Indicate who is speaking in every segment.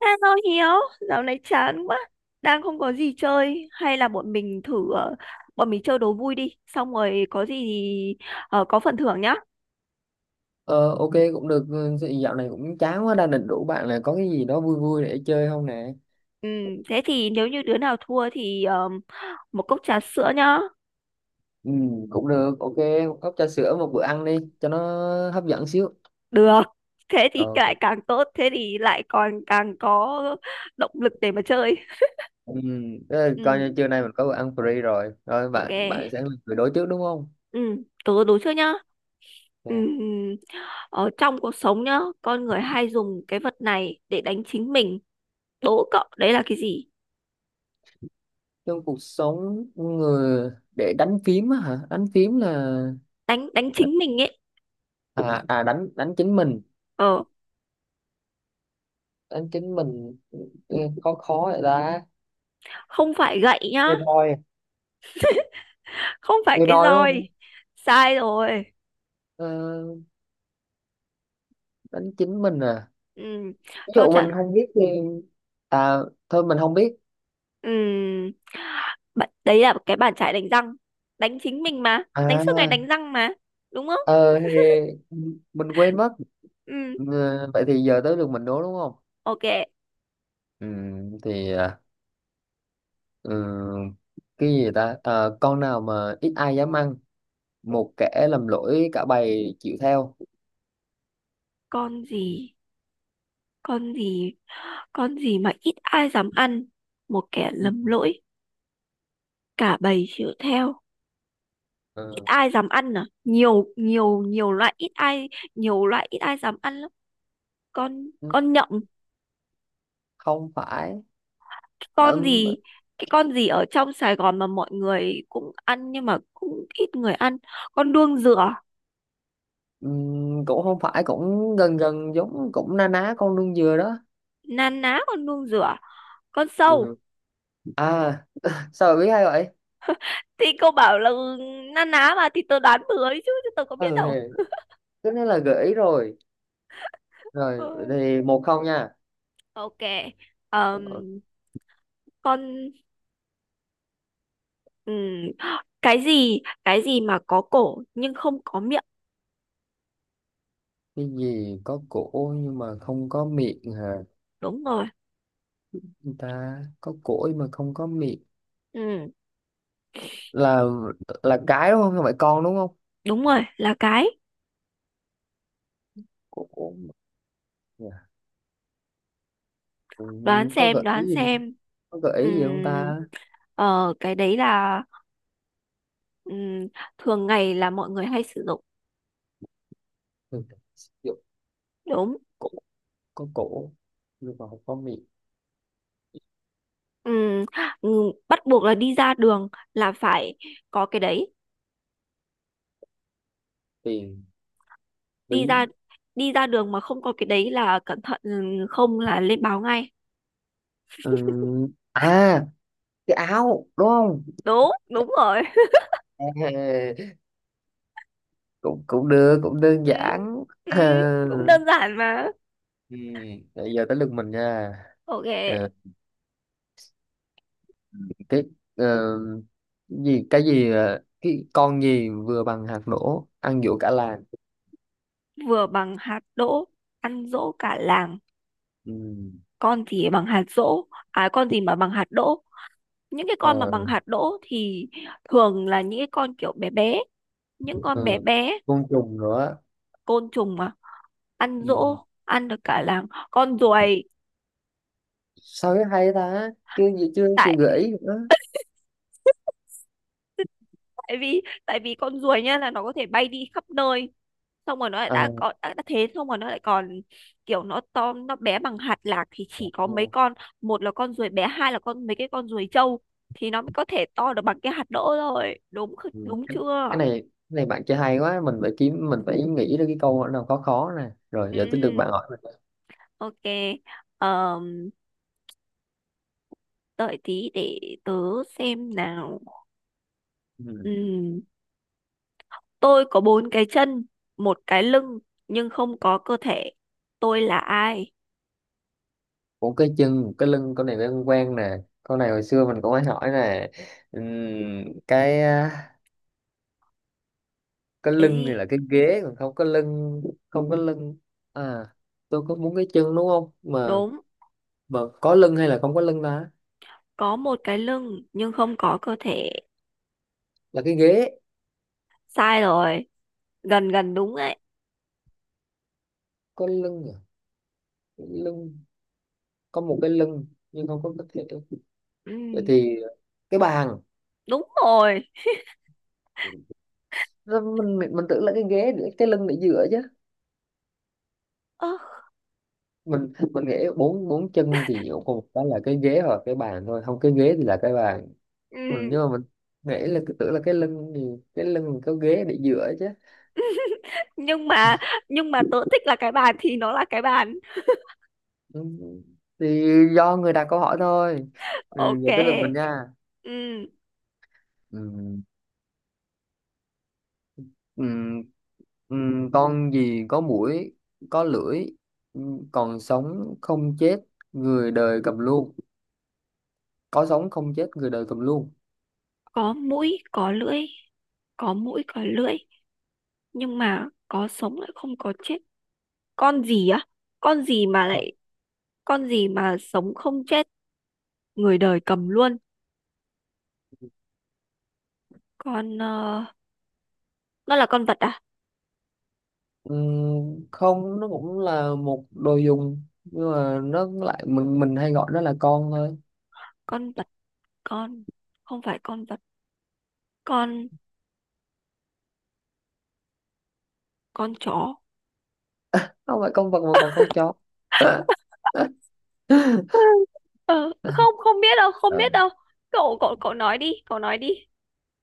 Speaker 1: Hello Hiếu, dạo này chán quá, đang không có gì chơi, hay là bọn mình thử, bọn mình chơi đố vui đi, xong rồi có gì thì có phần thưởng nhá.
Speaker 2: Ờ, ok cũng được, ừ, dạo này cũng chán quá, đang định rủ bạn là có cái gì đó vui vui để chơi không nè.
Speaker 1: Ừ, thế thì nếu như đứa nào thua thì một cốc trà sữa nhá.
Speaker 2: Ừ, cũng được, ok, một cốc trà sữa một bữa ăn đi cho nó hấp dẫn xíu.
Speaker 1: Được, thế
Speaker 2: Ờ,
Speaker 1: thì
Speaker 2: ok.
Speaker 1: lại càng tốt, thế thì lại còn càng có động lực để mà chơi.
Speaker 2: Ừ, thế là coi như
Speaker 1: Ừ,
Speaker 2: trưa nay mình có bữa ăn free rồi, rồi
Speaker 1: ok,
Speaker 2: bạn bạn sẽ là người đối trước đúng không?
Speaker 1: ừ, tớ đố trước nhá. Ừ,
Speaker 2: Dạ.
Speaker 1: ở trong cuộc sống nhá, con người hay dùng cái vật này để đánh chính mình. Đố cậu, đấy là cái gì?
Speaker 2: Trong cuộc sống người để đánh phím á, hả, đánh phím là,
Speaker 1: Đánh đánh chính mình ấy.
Speaker 2: à, à, đánh đánh chính mình,
Speaker 1: Ờ,
Speaker 2: đánh chính mình. Ừ, khó khó vậy ta?
Speaker 1: không phải gậy nhá,
Speaker 2: Thì thôi.
Speaker 1: không phải
Speaker 2: Thì
Speaker 1: cái
Speaker 2: rồi đúng không?
Speaker 1: roi. Sai rồi.
Speaker 2: Ờ, đánh chính mình à?
Speaker 1: Ừ,
Speaker 2: Ví
Speaker 1: cho
Speaker 2: dụ
Speaker 1: trả.
Speaker 2: mình không biết thì, à thôi mình không biết,
Speaker 1: Ừ, bạn- đấy là cái bàn chải đánh răng. Đánh chính mình mà, đánh suốt ngày đánh
Speaker 2: à,
Speaker 1: răng mà, đúng không?
Speaker 2: ờ thì mình quên mất.
Speaker 1: Ừ,
Speaker 2: Ờ, vậy thì giờ tới lượt mình đố đúng không?
Speaker 1: ok.
Speaker 2: ừ, thì à, ừ, cái gì ta? Ờ, con nào mà ít ai dám ăn, một kẻ làm lỗi cả bầy chịu theo.
Speaker 1: Con gì? Con gì? Con gì mà ít ai dám ăn, một kẻ
Speaker 2: Ừ.
Speaker 1: lầm lỗi cả bầy chịu theo? Ít
Speaker 2: Ờ.
Speaker 1: ai dám ăn à? Nhiều nhiều nhiều loại ít ai, nhiều loại ít ai dám ăn lắm. Con nhộng?
Speaker 2: Không phải. Đã.
Speaker 1: Con gì? Cái con gì ở trong Sài Gòn mà mọi người cũng ăn nhưng mà cũng ít người ăn? Con đuông dừa?
Speaker 2: Ừ, cũng không phải, cũng gần gần giống, cũng na ná con đương dừa đó.
Speaker 1: Na ná con đuông dừa? Con
Speaker 2: Ừ.
Speaker 1: sâu?
Speaker 2: À, sao mà biết hay vậy?
Speaker 1: Thì cô bảo là ừ, na ná mà, thì tớ đoán bừa ấy chứ, tớ có biết
Speaker 2: Ừ,
Speaker 1: đâu.
Speaker 2: thì cái đó là gợi ý rồi. Rồi,
Speaker 1: Ôi.
Speaker 2: thì một không nha.
Speaker 1: Ok. ờm,
Speaker 2: Ờ.
Speaker 1: con. ừm, cái gì, cái gì mà có cổ nhưng không có miệng?
Speaker 2: Cái gì có cổ nhưng mà không có miệng hả?
Speaker 1: Đúng rồi.
Speaker 2: Người ta có cổ nhưng mà không có miệng.
Speaker 1: Ừ,
Speaker 2: Là là cái đúng không? Không phải con đúng không?
Speaker 1: đúng rồi, là cái.
Speaker 2: Cổ mà- ừ,
Speaker 1: Đoán
Speaker 2: có
Speaker 1: xem,
Speaker 2: gợi ý
Speaker 1: đoán
Speaker 2: gì,
Speaker 1: xem.
Speaker 2: có gợi ý gì không
Speaker 1: Ừm,
Speaker 2: ta?
Speaker 1: cái đấy là Ừm, thường ngày là mọi người hay sử dụng.
Speaker 2: Ừ, dụ
Speaker 1: Đúng.
Speaker 2: cổ, có cổ nhưng mà không có miệng.
Speaker 1: Ừm, Bắt buộc là đi ra đường là phải có cái đấy.
Speaker 2: Tiền,
Speaker 1: Đi ra,
Speaker 2: ví.
Speaker 1: đi ra đường mà không có cái đấy là cẩn thận, không là lên báo ngay.
Speaker 2: Ừ. À, cái áo đúng không?
Speaker 1: Đúng, đúng rồi.
Speaker 2: Ê, cũng cũng được, cũng đơn
Speaker 1: Ừ,
Speaker 2: giản.
Speaker 1: ừ, cũng đơn giản mà.
Speaker 2: Ừ. Bây giờ tới lượt mình nha.
Speaker 1: Ok.
Speaker 2: Ừ. cái ờ, gì cái gì ờ, cái Con gì vừa bằng hạt nổ ăn giỗ cả làng?
Speaker 1: Vừa bằng hạt đỗ, ăn dỗ cả làng.
Speaker 2: Ừ.
Speaker 1: Con gì bằng hạt dỗ à? Con gì mà bằng hạt đỗ? Những cái con mà bằng
Speaker 2: Ờ.
Speaker 1: hạt đỗ thì thường là những cái con kiểu bé bé, những con bé
Speaker 2: Ờ.
Speaker 1: bé.
Speaker 2: Côn trùng nữa.
Speaker 1: Côn trùng mà. Ăn
Speaker 2: Ừ.
Speaker 1: dỗ, ăn được cả làng. Con ruồi.
Speaker 2: Sao cái hay ta, chưa gì chưa chị
Speaker 1: Tại,
Speaker 2: gợi ý nữa.
Speaker 1: tại vì tại vì con ruồi nhá, là nó có thể bay đi khắp nơi, xong rồi nó lại
Speaker 2: Ờ.
Speaker 1: đã có đã thế xong rồi nó lại còn kiểu nó to, nó bé bằng hạt lạc thì
Speaker 2: Ờ.
Speaker 1: chỉ có mấy con, một là con ruồi bé, hai là con mấy cái con ruồi trâu thì nó mới có thể to được bằng cái hạt đỗ rồi, đúng kh-
Speaker 2: Ừ.
Speaker 1: đúng
Speaker 2: cái
Speaker 1: chưa?
Speaker 2: cái này bạn chơi hay quá, mình phải kiếm, mình phải nghĩ ra cái câu nào khó khó nè, rồi giờ tới lượt bạn
Speaker 1: Ừ,
Speaker 2: hỏi mình.
Speaker 1: ok. um, Đợi tí để tớ xem nào.
Speaker 2: Ừ.
Speaker 1: Ừ. Tôi có bốn cái chân, một cái lưng, nhưng không có cơ thể. Tôi là ai?
Speaker 2: Một cái chân, một cái lưng, con này quen quen nè, con này hồi xưa mình cũng hay hỏi nè. Ừm, cái cái
Speaker 1: Cái
Speaker 2: lưng thì
Speaker 1: gì?
Speaker 2: là cái ghế còn không có lưng. Không có lưng, à, tôi có muốn cái chân đúng không, mà
Speaker 1: Đúng,
Speaker 2: mà có lưng hay là không có lưng ta?
Speaker 1: có một cái lưng, nhưng không có cơ thể.
Speaker 2: Là cái ghế.
Speaker 1: Sai rồi, gần gần đúng đấy.
Speaker 2: Có lưng à? Cái lưng, có một cái lưng nhưng không có cái thể, vậy
Speaker 1: Ừ,
Speaker 2: thì cái bàn.
Speaker 1: đúng rồi.
Speaker 2: Nó- mình tưởng là cái ghế để cái lưng để dựa chứ.
Speaker 1: Ơ,
Speaker 2: Mình nghĩ bốn bốn chân thì còn một cái là cái ghế hoặc cái bàn thôi, không cái ghế thì là cái bàn. Mình
Speaker 1: ừ,
Speaker 2: nhưng mà mình nghĩ là cứ tưởng là cái lưng thì cái lưng có ghế để dựa chứ.
Speaker 1: nhưng mà, nhưng mà tớ thích là cái bàn thì nó là cái bàn.
Speaker 2: Ừ, thì do người đặt câu hỏi thôi. Ừ, giờ tới lượt mình
Speaker 1: Ok.
Speaker 2: nha.
Speaker 1: Ừ,
Speaker 2: ừ, ừ, ừ, con gì có mũi, có lưỡi, ừ, còn sống không chết, người đời cầm luôn? Có sống không chết, người đời cầm luôn.
Speaker 1: có mũi, có lưỡi, có mũi, có lưỡi, nhưng mà có sống lại không có chết. Con gì á? Con gì mà lại, con gì mà sống không chết? Người đời cầm luôn. Con nó là con vật à?
Speaker 2: Ừ, không nó cũng là một đồ dùng nhưng mà nó lại, mình hay gọi nó là con thôi.
Speaker 1: Con vật. Con. Không phải con vật. Con. Con chó.
Speaker 2: Không phải con vật mà còn con chó.
Speaker 1: Ờ, không, không biết đâu, không
Speaker 2: Ừ,
Speaker 1: biết đâu. Cậu cậu cậu nói đi, cậu nói đi.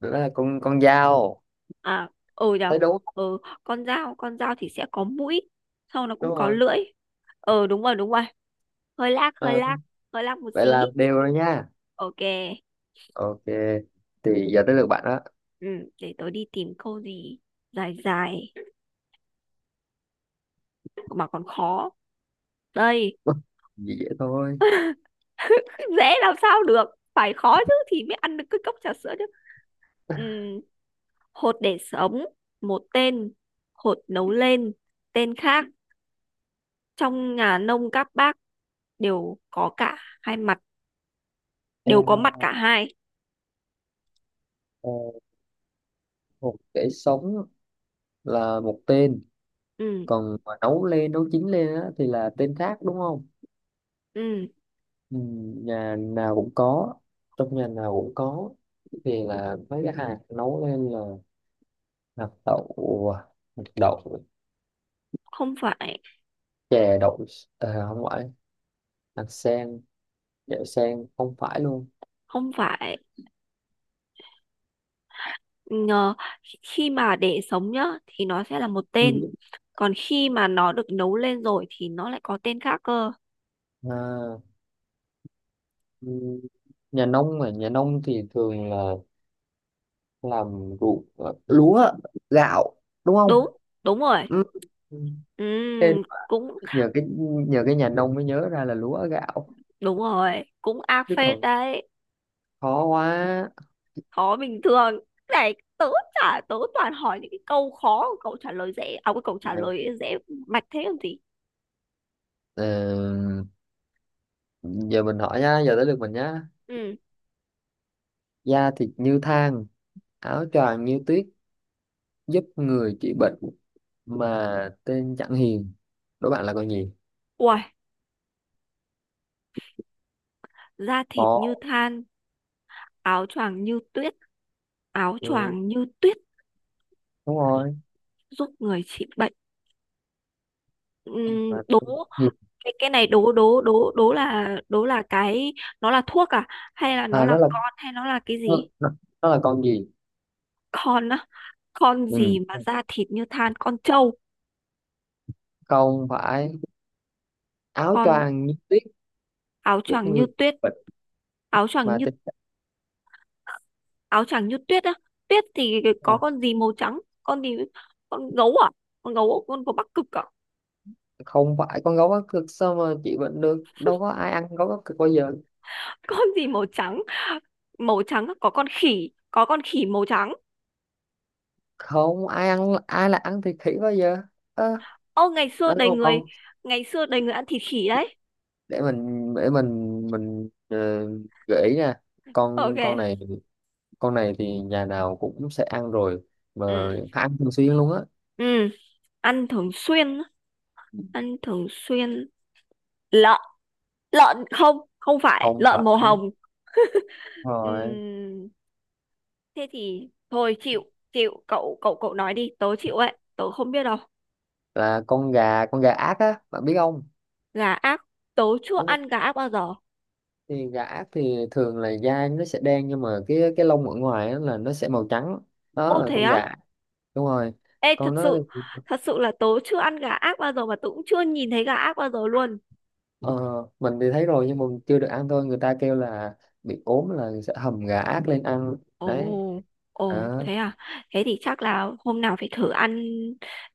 Speaker 2: đó là con dao.
Speaker 1: À, ừ nhở.
Speaker 2: Thấy đúng không?
Speaker 1: Ừ, con dao. Con dao thì sẽ có mũi, sau nó cũng
Speaker 2: Đúng
Speaker 1: có
Speaker 2: rồi.
Speaker 1: lưỡi. Ờ đúng rồi, đúng rồi. Hơi lag, hơi
Speaker 2: Ờ.
Speaker 1: lag, hơi lag một
Speaker 2: Vậy
Speaker 1: xí.
Speaker 2: là đều rồi nha.
Speaker 1: Ok.
Speaker 2: Ok, thì giờ tới lượt bạn đó.
Speaker 1: Ừ, để tớ đi tìm câu gì dài dài mà còn khó đây.
Speaker 2: dễ dễ thôi.
Speaker 1: Dễ làm sao được, phải khó chứ thì mới ăn được cái cốc trà sữa chứ. Ừm, Hột để sống một tên, hột nấu lên tên khác, trong nhà nông các bác đều có cả hai mặt,
Speaker 2: Ê,
Speaker 1: đều có mặt cả hai.
Speaker 2: ờ, một để sống là một tên,
Speaker 1: Ừm,
Speaker 2: còn mà nấu lên nấu chín lên á, thì là tên khác đúng không?
Speaker 1: ừm,
Speaker 2: Ừ, nhà nào cũng có, trong nhà nào cũng có. Thì là mấy cái hạt nấu lên là hạt đậu, hạt đậu,
Speaker 1: Không phải,
Speaker 2: chè đậu. Ờ, không phải hạt sen, chè sen không phải luôn.
Speaker 1: không phải. Ngờ-, khi mà để sống nhá thì nó sẽ là một
Speaker 2: Ừ.
Speaker 1: tên, còn khi mà nó được nấu lên rồi thì nó lại có tên khác cơ.
Speaker 2: À, ừ, nhà nông, mà nhà nông thì thường là làm ruộng, ờ, lúa, gạo, đúng không?
Speaker 1: Đúng, đúng rồi.
Speaker 2: Ừ. Ừ. Thế
Speaker 1: Cũng.
Speaker 2: nhờ cái nhờ cái nhà nông mới nhớ ra là lúa gạo,
Speaker 1: Đúng rồi, cũng ác
Speaker 2: chứ
Speaker 1: phết
Speaker 2: còn
Speaker 1: đấy,
Speaker 2: khó quá.
Speaker 1: khó bình thường. Này, tớ chả, tớ toàn hỏi những cái câu khó, cậu trả lời dễ, à cái câu trả
Speaker 2: Này,
Speaker 1: lời dễ mạch thế làm gì?
Speaker 2: ờ, giờ mình hỏi nha, giờ tới lượt mình nhá.
Speaker 1: Ừ,
Speaker 2: Da thịt như than, áo choàng như tuyết, giúp người trị bệnh, mà tên chẳng hiền, đố bạn là con gì?
Speaker 1: uầy, da thịt như
Speaker 2: Có,
Speaker 1: than, áo choàng như tuyết, áo
Speaker 2: ừ,
Speaker 1: choàng như tuyết
Speaker 2: đúng rồi,
Speaker 1: giúp người trị bệnh.
Speaker 2: mà
Speaker 1: Đố
Speaker 2: tên chẳng hiền.
Speaker 1: cái này đố đố đố đố là cái nó là thuốc à, hay là nó
Speaker 2: À
Speaker 1: là
Speaker 2: nó là,
Speaker 1: con, hay nó là cái
Speaker 2: nó,
Speaker 1: gì?
Speaker 2: nó là con gì.
Speaker 1: Con á. Con
Speaker 2: Ừ.
Speaker 1: gì mà da thịt như than? Con trâu?
Speaker 2: Không phải. Áo
Speaker 1: Con.
Speaker 2: choàng như tuyết,
Speaker 1: Áo
Speaker 2: giúp
Speaker 1: choàng như
Speaker 2: người
Speaker 1: tuyết,
Speaker 2: bệnh
Speaker 1: áo choàng
Speaker 2: mà
Speaker 1: như,
Speaker 2: tình trạng,
Speaker 1: áo choàng như tuyết á, tuyết thì có
Speaker 2: mà
Speaker 1: con gì màu trắng? Con gì? Con gấu à? Con gấu con của Bắc Cực à?
Speaker 2: không phải con gấu quá cực, sao mà chị bệnh được, đâu có ai ăn gấu quá cực bao giờ.
Speaker 1: Con gì màu trắng? Màu trắng á, có con khỉ màu trắng.
Speaker 2: Không ai ăn, ai là ăn thịt khỉ bao giờ. Ơ,
Speaker 1: Ô ngày xưa
Speaker 2: đó đúng
Speaker 1: đầy
Speaker 2: không
Speaker 1: người,
Speaker 2: con.
Speaker 1: ngày xưa đầy người ăn thịt khỉ đấy.
Speaker 2: Để mình ờ, gợi ý nè.
Speaker 1: Ok.
Speaker 2: Con này, con này thì nhà nào cũng sẽ ăn rồi, mà
Speaker 1: Ừ.
Speaker 2: ăn thường xuyên luôn á.
Speaker 1: Ừ, ăn thường xuyên, á, ăn thường xuyên. Lợn, lợn không, không phải
Speaker 2: Không
Speaker 1: lợn
Speaker 2: phải.
Speaker 1: màu hồng.
Speaker 2: Rồi,
Speaker 1: Ừm, thế thì thôi chịu, chịu. Cậu cậu cậu nói đi, tớ chịu ấy, tớ không biết đâu.
Speaker 2: là con gà, con gà ác á bạn biết không?
Speaker 1: Gà ác. Tớ chưa
Speaker 2: Đúng.
Speaker 1: ăn gà ác bao giờ.
Speaker 2: Thì gà ác thì thường là da nó sẽ đen nhưng mà cái lông ở ngoài á là nó sẽ màu trắng, đó
Speaker 1: Ô
Speaker 2: là
Speaker 1: thế
Speaker 2: con
Speaker 1: á.
Speaker 2: gà ác. Đúng rồi.
Speaker 1: Ê thật
Speaker 2: Con nó.
Speaker 1: sự, thật sự là tớ chưa ăn gà ác bao giờ mà tớ cũng chưa nhìn thấy gà ác bao giờ luôn.
Speaker 2: Ờ, mình thì thấy rồi nhưng mà mình chưa được ăn thôi, người ta kêu là bị ốm là sẽ hầm gà ác lên ăn
Speaker 1: Ồ.
Speaker 2: đấy.
Speaker 1: Ồ
Speaker 2: Đó
Speaker 1: thế à. Thế thì chắc là hôm nào phải thử ăn,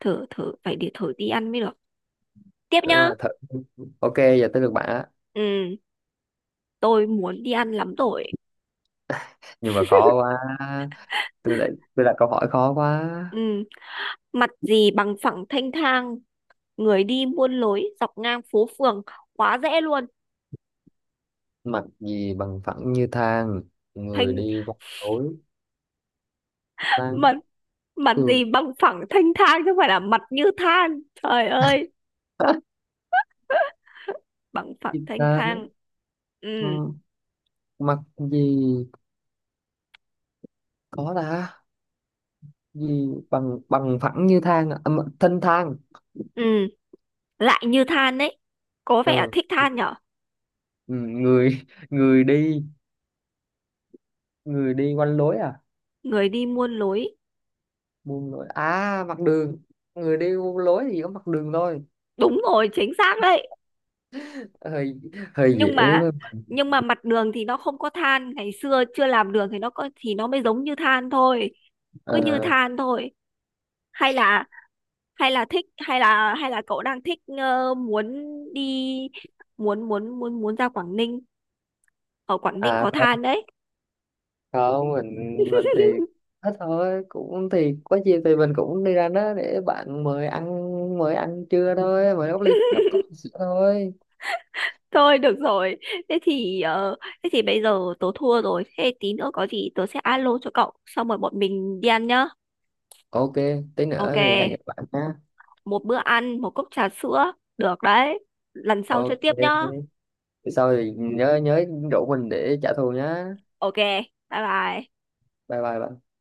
Speaker 1: thử thử, phải để thử đi ăn mới được. Tiếp
Speaker 2: đúng
Speaker 1: nhá.
Speaker 2: rồi thật. Ok, giờ tới được bạn á.
Speaker 1: Ừ, tôi muốn đi ăn lắm rồi.
Speaker 2: Nhưng mà khó quá, tôi lại, tôi đặt câu hỏi khó quá.
Speaker 1: Ừ, mặt gì bằng phẳng thanh thang, người đi muôn lối dọc ngang phố phường. Quá dễ luôn.
Speaker 2: Mặt gì bằng phẳng như than, người
Speaker 1: Thênh.
Speaker 2: đi qua tối tan
Speaker 1: Mặt, mặt
Speaker 2: cường?
Speaker 1: gì bằng phẳng thanh thang chứ không phải là mặt như than, trời ơi. Bằng phẳng
Speaker 2: gì
Speaker 1: thanh
Speaker 2: ta?
Speaker 1: thang. Ừ,
Speaker 2: Ừ, mặt gì có ta, gì bằng bằng phẳng như thang à? À, mà- thân thang.
Speaker 1: ừ, lại như than đấy, có vẻ
Speaker 2: Ờ.
Speaker 1: thích than nhở.
Speaker 2: Ừ, người, người đi, người đi quanh lối à,
Speaker 1: Người đi muôn lối.
Speaker 2: buông lối à, mặt đường. Người đi buông lối thì có mặt đường thôi.
Speaker 1: Đúng rồi, chính xác đấy.
Speaker 2: Hơi, hơi
Speaker 1: Nhưng
Speaker 2: dễ
Speaker 1: mà,
Speaker 2: với mình.
Speaker 1: nhưng mà mặt đường thì nó không có than, ngày xưa chưa làm đường thì nó có, thì nó mới giống như than thôi, cứ như
Speaker 2: Ờ.
Speaker 1: than thôi. Hay là, hay là thích, hay là, hay là cậu đang thích muốn đi, muốn muốn ra Quảng Ninh, ở Quảng Ninh
Speaker 2: À
Speaker 1: có
Speaker 2: không,
Speaker 1: than đấy.
Speaker 2: không, mình thì hết thôi, cũng thì có gì thì mình cũng đi ra đó để bạn mời ăn, mời ăn trưa thôi, mời góc ly góc cốc sữa thôi.
Speaker 1: Thôi được rồi, thế thì thế thì bây giờ tớ thua rồi, thế tí nữa có gì tớ sẽ alo cho cậu xong rồi bọn mình đi ăn nhá.
Speaker 2: Ok, tí
Speaker 1: Ok.
Speaker 2: nữa thì hẹn gặp bạn nha.
Speaker 1: Một bữa ăn một cốc trà sữa, được đấy. Lần sau chơi
Speaker 2: Ok,
Speaker 1: tiếp nhá.
Speaker 2: sau thì nhớ nhớ rủ mình để trả thù nhá.
Speaker 1: Ok. Bye bye.
Speaker 2: Bye bye bạn.